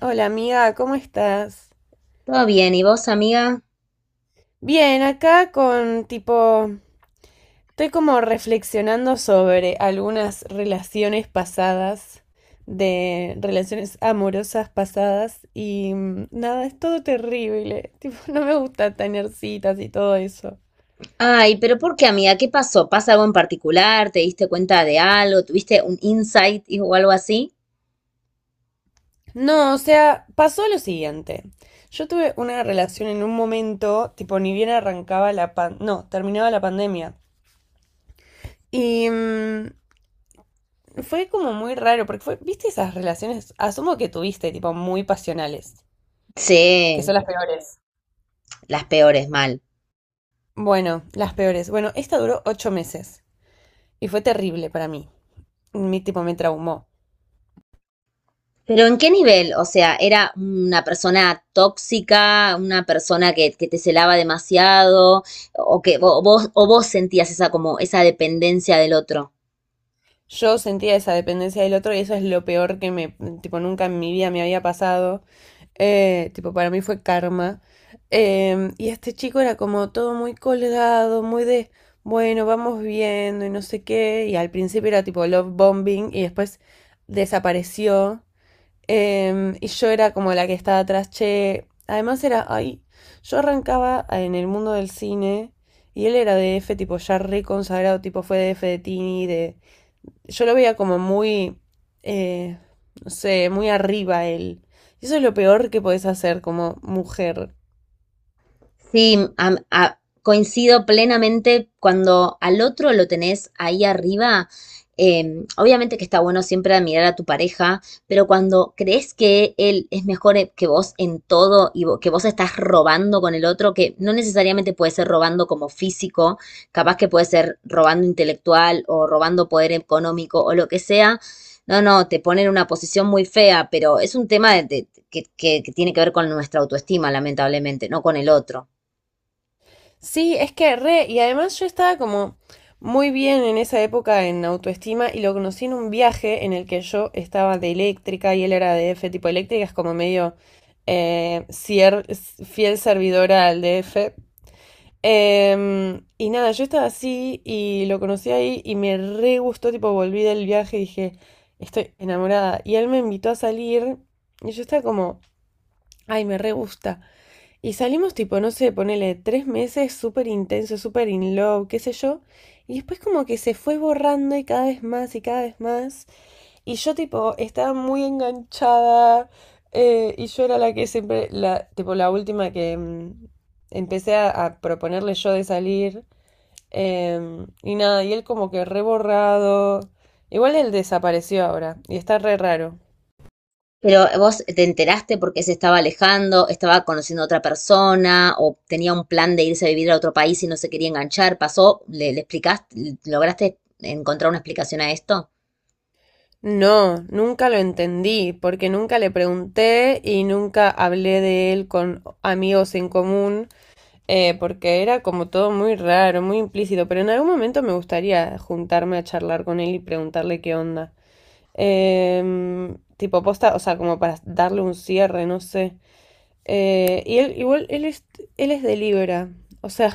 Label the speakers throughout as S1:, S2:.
S1: Hola amiga, ¿cómo estás?
S2: Todo bien, ¿y vos, amiga?
S1: Bien, acá con tipo, estoy como reflexionando sobre algunas relaciones pasadas, de relaciones amorosas pasadas y nada, es todo terrible, tipo, no me gusta tener citas y todo eso.
S2: Ay, pero ¿por qué, amiga? ¿Qué pasó? ¿Pasa algo en particular? ¿Te diste cuenta de algo? ¿Tuviste un insight o algo así?
S1: No, o sea, pasó lo siguiente. Yo tuve una relación en un momento, tipo, ni bien arrancaba la pan, no, terminaba la pandemia. Y fue como muy raro, porque fue, ¿viste esas relaciones? Asumo que tuviste, tipo, muy pasionales, que
S2: Sí,
S1: son las peores.
S2: las peores, mal.
S1: Bueno, las peores. Bueno, esta duró 8 meses y fue terrible para mí. Mi tipo me traumó.
S2: Pero ¿en qué nivel? O sea, ¿era una persona tóxica, una persona que te celaba demasiado, o que vos, o vos sentías esa como esa dependencia del otro?
S1: Yo sentía esa dependencia del otro y eso es lo peor que me, tipo, nunca en mi vida me había pasado. Tipo, para mí fue karma. Y este chico era como todo muy colgado, muy de, bueno, vamos viendo y no sé qué. Y al principio era tipo love bombing y después desapareció. Y yo era como la que estaba atrás, che. Además era, ay, yo arrancaba en el mundo del cine y él era de DF, tipo ya re consagrado, tipo fue DF de Tini, de... Yo lo veía como muy, eh, no sé, muy arriba él. Y eso es lo peor que podés hacer como mujer.
S2: Sí, coincido plenamente cuando al otro lo tenés ahí arriba. Obviamente que está bueno siempre admirar a tu pareja, pero cuando crees que él es mejor que vos en todo y que vos estás robando con el otro, que no necesariamente puede ser robando como físico, capaz que puede ser robando intelectual o robando poder económico o lo que sea, no, te pone en una posición muy fea, pero es un tema que, que tiene que ver con nuestra autoestima, lamentablemente, no con el otro.
S1: Sí, es que re, y además yo estaba como muy bien en esa época en autoestima y lo conocí en un viaje en el que yo estaba de eléctrica y él era de D F, tipo eléctrica es como medio eh, cier- fiel servidora al DF. Y nada, yo estaba así y lo conocí ahí y me re gustó, tipo volví del viaje y dije, estoy enamorada. Y él me invitó a salir y yo estaba como, ay, me re gusta. Y salimos tipo, no sé, ponele 3 meses súper intenso, súper in love, qué sé yo. Y después como que se fue borrando y cada vez más y cada vez más. Y yo tipo estaba muy enganchada. Y yo era la que siempre, la, tipo la última que empecé a proponerle yo de salir. Y nada, y él como que reborrado. Igual él desapareció ahora. Y está re raro.
S2: Pero vos te enteraste porque se estaba alejando, estaba conociendo a otra persona o tenía un plan de irse a vivir a otro país y no se quería enganchar. ¿Pasó? ¿Le explicaste? ¿Lograste encontrar una explicación a esto?
S1: No, nunca lo entendí, porque nunca le pregunté y nunca hablé de él con amigos en común, porque era como todo muy raro, muy implícito, pero en algún momento me gustaría juntarme a charlar con él y preguntarle qué onda. Tipo posta, o sea, como para darle un cierre, no sé. Y él, igual, él es de Libra, o sea,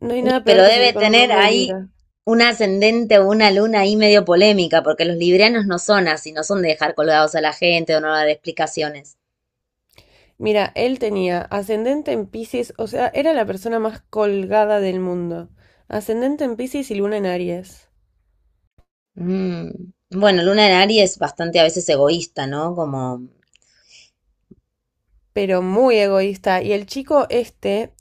S1: no hay nada
S2: Y, pero
S1: peor que salir
S2: debe
S1: con un
S2: tener
S1: hombre de
S2: ahí
S1: Libra.
S2: un ascendente o una luna ahí medio polémica, porque los librianos no son así, no son de dejar colgados a la gente o no dar explicaciones.
S1: Mira, él tenía ascendente en Piscis, o sea, era la persona más colgada del mundo. Ascendente en Piscis y luna en Aries.
S2: Mm. Bueno, luna en Aries es bastante a veces egoísta, ¿no? Como
S1: Pero muy egoísta. Y el chico este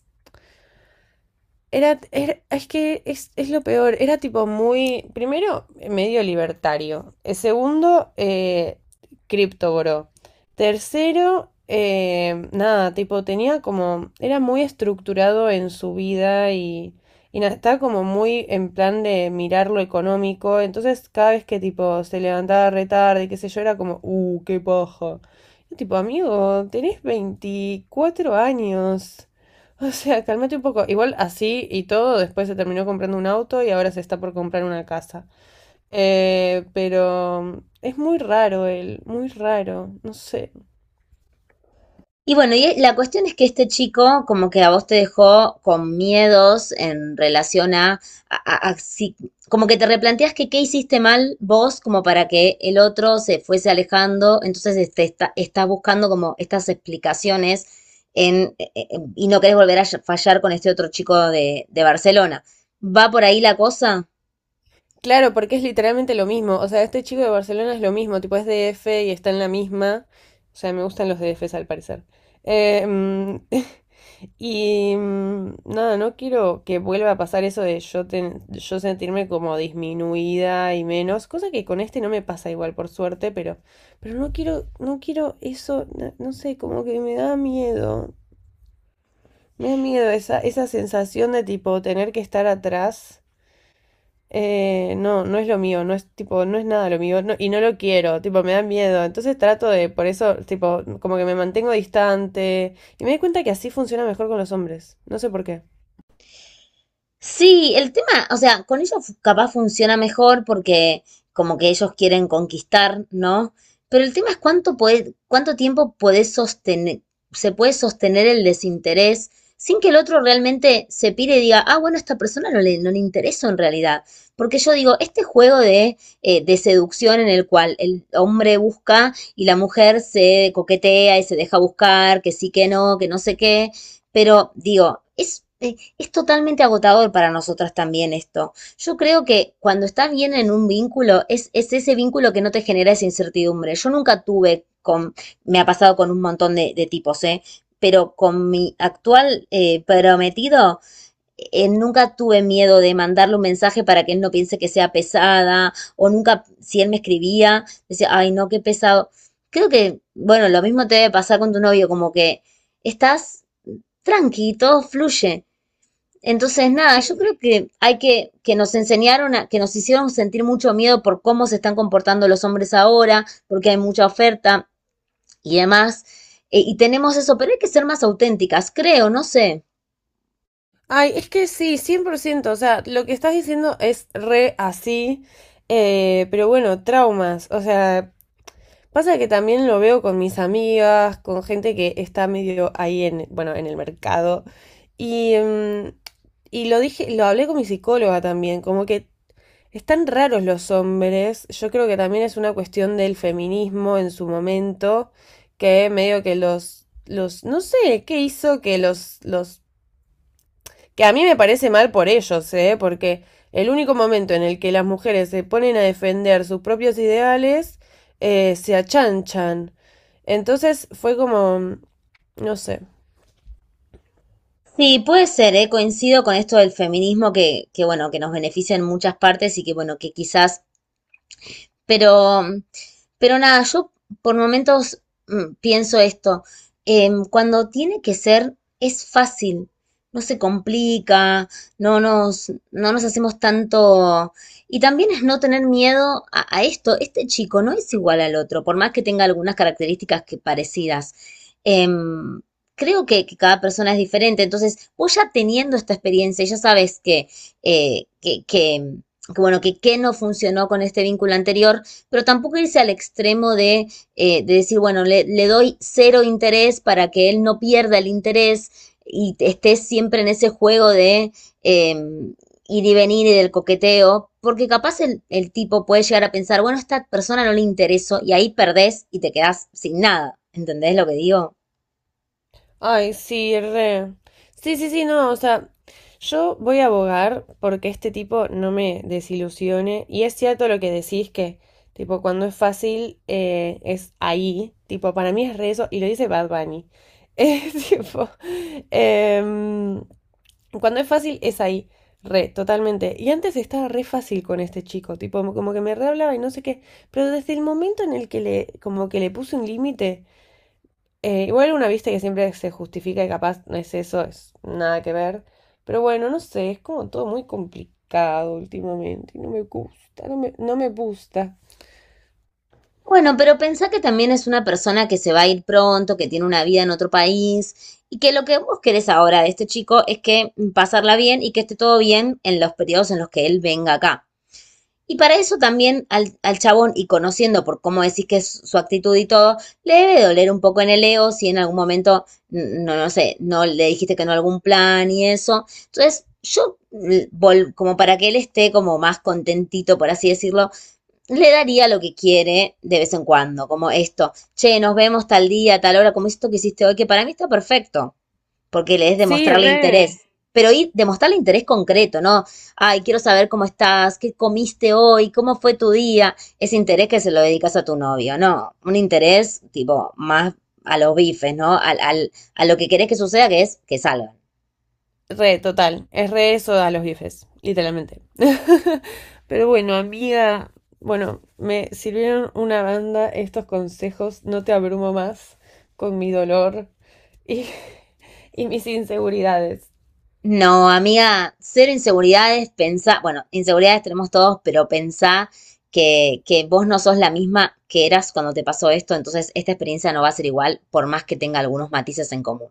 S1: Es que es lo peor, era tipo muy, primero, medio libertario. Segundo, criptogoró. Tercero, nada, tipo tenía como, era muy estructurado en su vida y nada, estaba como muy en plan de mirar lo económico, entonces cada vez que tipo se levantaba re tarde, qué sé yo, era como, qué paja. Yo, tipo, amigo, tenés 24 años. O sea, cálmate un poco. Igual así y todo, después se terminó comprando un auto y ahora se está por comprar una casa. Pero es muy raro él, muy raro, no sé.
S2: y bueno, y la cuestión es que este chico como que a vos te dejó con miedos en relación a- a, como que te replanteas que qué hiciste mal vos como para que el otro se fuese alejando, entonces estás buscando como estas explicaciones en, y no querés volver a fallar con este otro chico de Barcelona. ¿Va por ahí la cosa?
S1: Claro, porque es literalmente lo mismo. O sea, este chico de Barcelona es lo mismo, tipo es D F y está en la misma. O sea, me gustan los DFs al parecer. Eh, mm, Y nada, no quiero que vuelva a pasar eso de yo, yo sentirme como disminuida y menos, cosa que con este no me pasa igual, por suerte, pero no quiero, no quiero eso, no, no sé, como que me da miedo esa, esa sensación de tipo tener que estar atrás. No, no es lo mío, no es tipo, no es nada lo mío, y no lo quiero, tipo, me da miedo. Entonces trato de, por eso, tipo, como que me mantengo distante. Y me doy cuenta que así funciona mejor con los hombres. No sé por qué.
S2: Sí, el tema, o sea, con ellos capaz funciona mejor porque como que ellos quieren conquistar, ¿no? Pero el tema es cuánto puede, cuánto tiempo podés sostener, se puede sostener el desinterés sin que el otro realmente se pire y diga, ah, bueno, a esta persona no le intereso en realidad. Porque yo digo, este juego de seducción en el cual el hombre busca y la mujer se coquetea y se deja buscar, que sí, que no sé qué, pero digo, es… es totalmente agotador para nosotras también esto. Yo creo que cuando estás bien en un vínculo, es ese vínculo que no te genera esa incertidumbre. Yo nunca tuve con, me ha pasado con un montón de tipos, ¿eh? Pero con mi actual prometido, nunca tuve miedo de mandarle un mensaje para que él no piense que sea pesada, o nunca, si él me escribía, decía, ay, no, qué pesado. Creo que, bueno, lo mismo te debe pasar con tu novio, como que estás tranqui, todo fluye. Entonces, nada, yo
S1: Sí.
S2: creo que hay que nos enseñaron, a, que nos hicieron sentir mucho miedo por cómo se están comportando los hombres ahora, porque hay mucha oferta y demás. Y tenemos eso, pero hay que ser más auténticas, creo, no sé.
S1: Ay, es que sí, 100%, o sea, lo que estás diciendo es re así, pero bueno, traumas, o sea, pasa que también lo veo con mis amigas, con gente que está medio ahí en, bueno, en el mercado, y, mm, y lo dije, lo hablé con mi psicóloga también, como que están raros los hombres, yo creo que también es una cuestión del feminismo en su momento, que medio que los, no sé, qué hizo que los que a mí me parece mal por ellos, ¿eh? Porque el único momento en el que las mujeres se ponen a defender sus propios ideales, se achanchan. Entonces fue como, no sé.
S2: Sí, puede ser, ¿eh? Coincido con esto del feminismo bueno, que nos beneficia en muchas partes y que, bueno, que quizás Pero, pero nada, yo por momentos pienso esto. Cuando tiene que ser, es fácil, no se complica, no nos hacemos tanto. Y también es no tener miedo a esto. Este chico no es igual al otro, por más que tenga algunas características que parecidas. Em, Creo que cada persona es diferente. Entonces, vos ya teniendo esta experiencia, ya sabes que, eh, que, que que bueno, que qué no funcionó con este vínculo anterior, pero tampoco irse al extremo de decir, bueno, doy cero interés para que él no pierda el interés y esté siempre en ese juego de eh, ir y venir y del coqueteo, porque capaz el tipo puede llegar a pensar, bueno, a esta persona no le interesó y ahí perdés y te quedás sin nada. ¿Entendés lo que digo?
S1: Ay, sí, re. Sí, sí, sí, no, o sea, yo voy a abogar porque este tipo no me desilusione. Y es cierto lo que decís que, tipo, cuando es fácil, es ahí. Tipo, para mí es re eso. Y lo dice Bad Bunny. Es tipo. em, Cuando es fácil, es ahí. Re, totalmente. Y antes estaba re fácil con este chico, tipo, como que me re hablaba y no sé qué. Pero desde el momento en el que le, como que le puse un límite, igual una vista que siempre se justifica y capaz no es eso, es nada que ver. Pero bueno, no sé, es como todo muy complicado últimamente. Y no me gusta, no me gusta.
S2: Bueno, pero pensá que también es una persona que se va a ir pronto, que tiene una vida en otro país y que lo que vos querés ahora de este chico es que pasarla bien y que esté todo bien en los periodos en los que él venga acá. Y para eso también al chabón, y conociendo por cómo decís que es su actitud y todo, le debe doler un poco en el ego si en algún momento, no sé, no le dijiste que no a algún plan y eso. Entonces, yo, como para que él esté como más contentito, por así decirlo, le daría lo que quiere de vez en cuando, como esto, che, nos vemos tal día, tal hora, como esto que hiciste hoy, que para mí está perfecto, porque le es
S1: Sí,
S2: demostrarle
S1: re.
S2: interés. Pero ir, demostrarle interés concreto, ¿no? Ay, quiero saber cómo estás, qué comiste hoy, cómo fue tu día. Ese interés que se lo dedicas a tu novio, ¿no? Un interés tipo más a los bifes, ¿no? A lo que querés que suceda, que es que salgan.
S1: Re, total. Es re eso a los bifes, literalmente. Pero bueno, amiga, bueno, me sirvieron una banda estos consejos. No te abrumo más con mi dolor y, y mis inseguridades.
S2: No, amiga, cero inseguridades, pensá, bueno, inseguridades tenemos todos, pero pensá que vos no sos la misma que eras cuando te pasó esto, entonces esta experiencia no va a ser igual, por más que tenga algunos matices en común.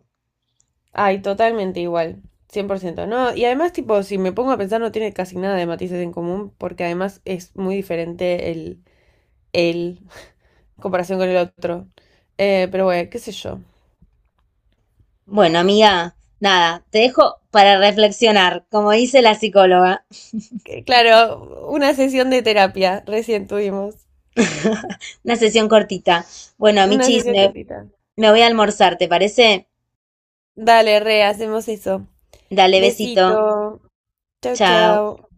S1: Ay, totalmente igual. 100%, ¿no? Y además, tipo, si me pongo a pensar, no tiene casi nada de matices en común, porque además es muy diferente el en comparación con el otro. Pero bueno, qué sé yo.
S2: Bueno, amiga, nada, te dejo para reflexionar, como dice la psicóloga,
S1: Claro, una sesión de terapia recién tuvimos.
S2: una sesión cortita. Bueno,
S1: Una
S2: Michis,
S1: sesión cortita.
S2: me voy a almorzar, ¿te parece?
S1: Dale, re, hacemos eso.
S2: Dale besito,
S1: Besito. Chau,
S2: chao.
S1: chau.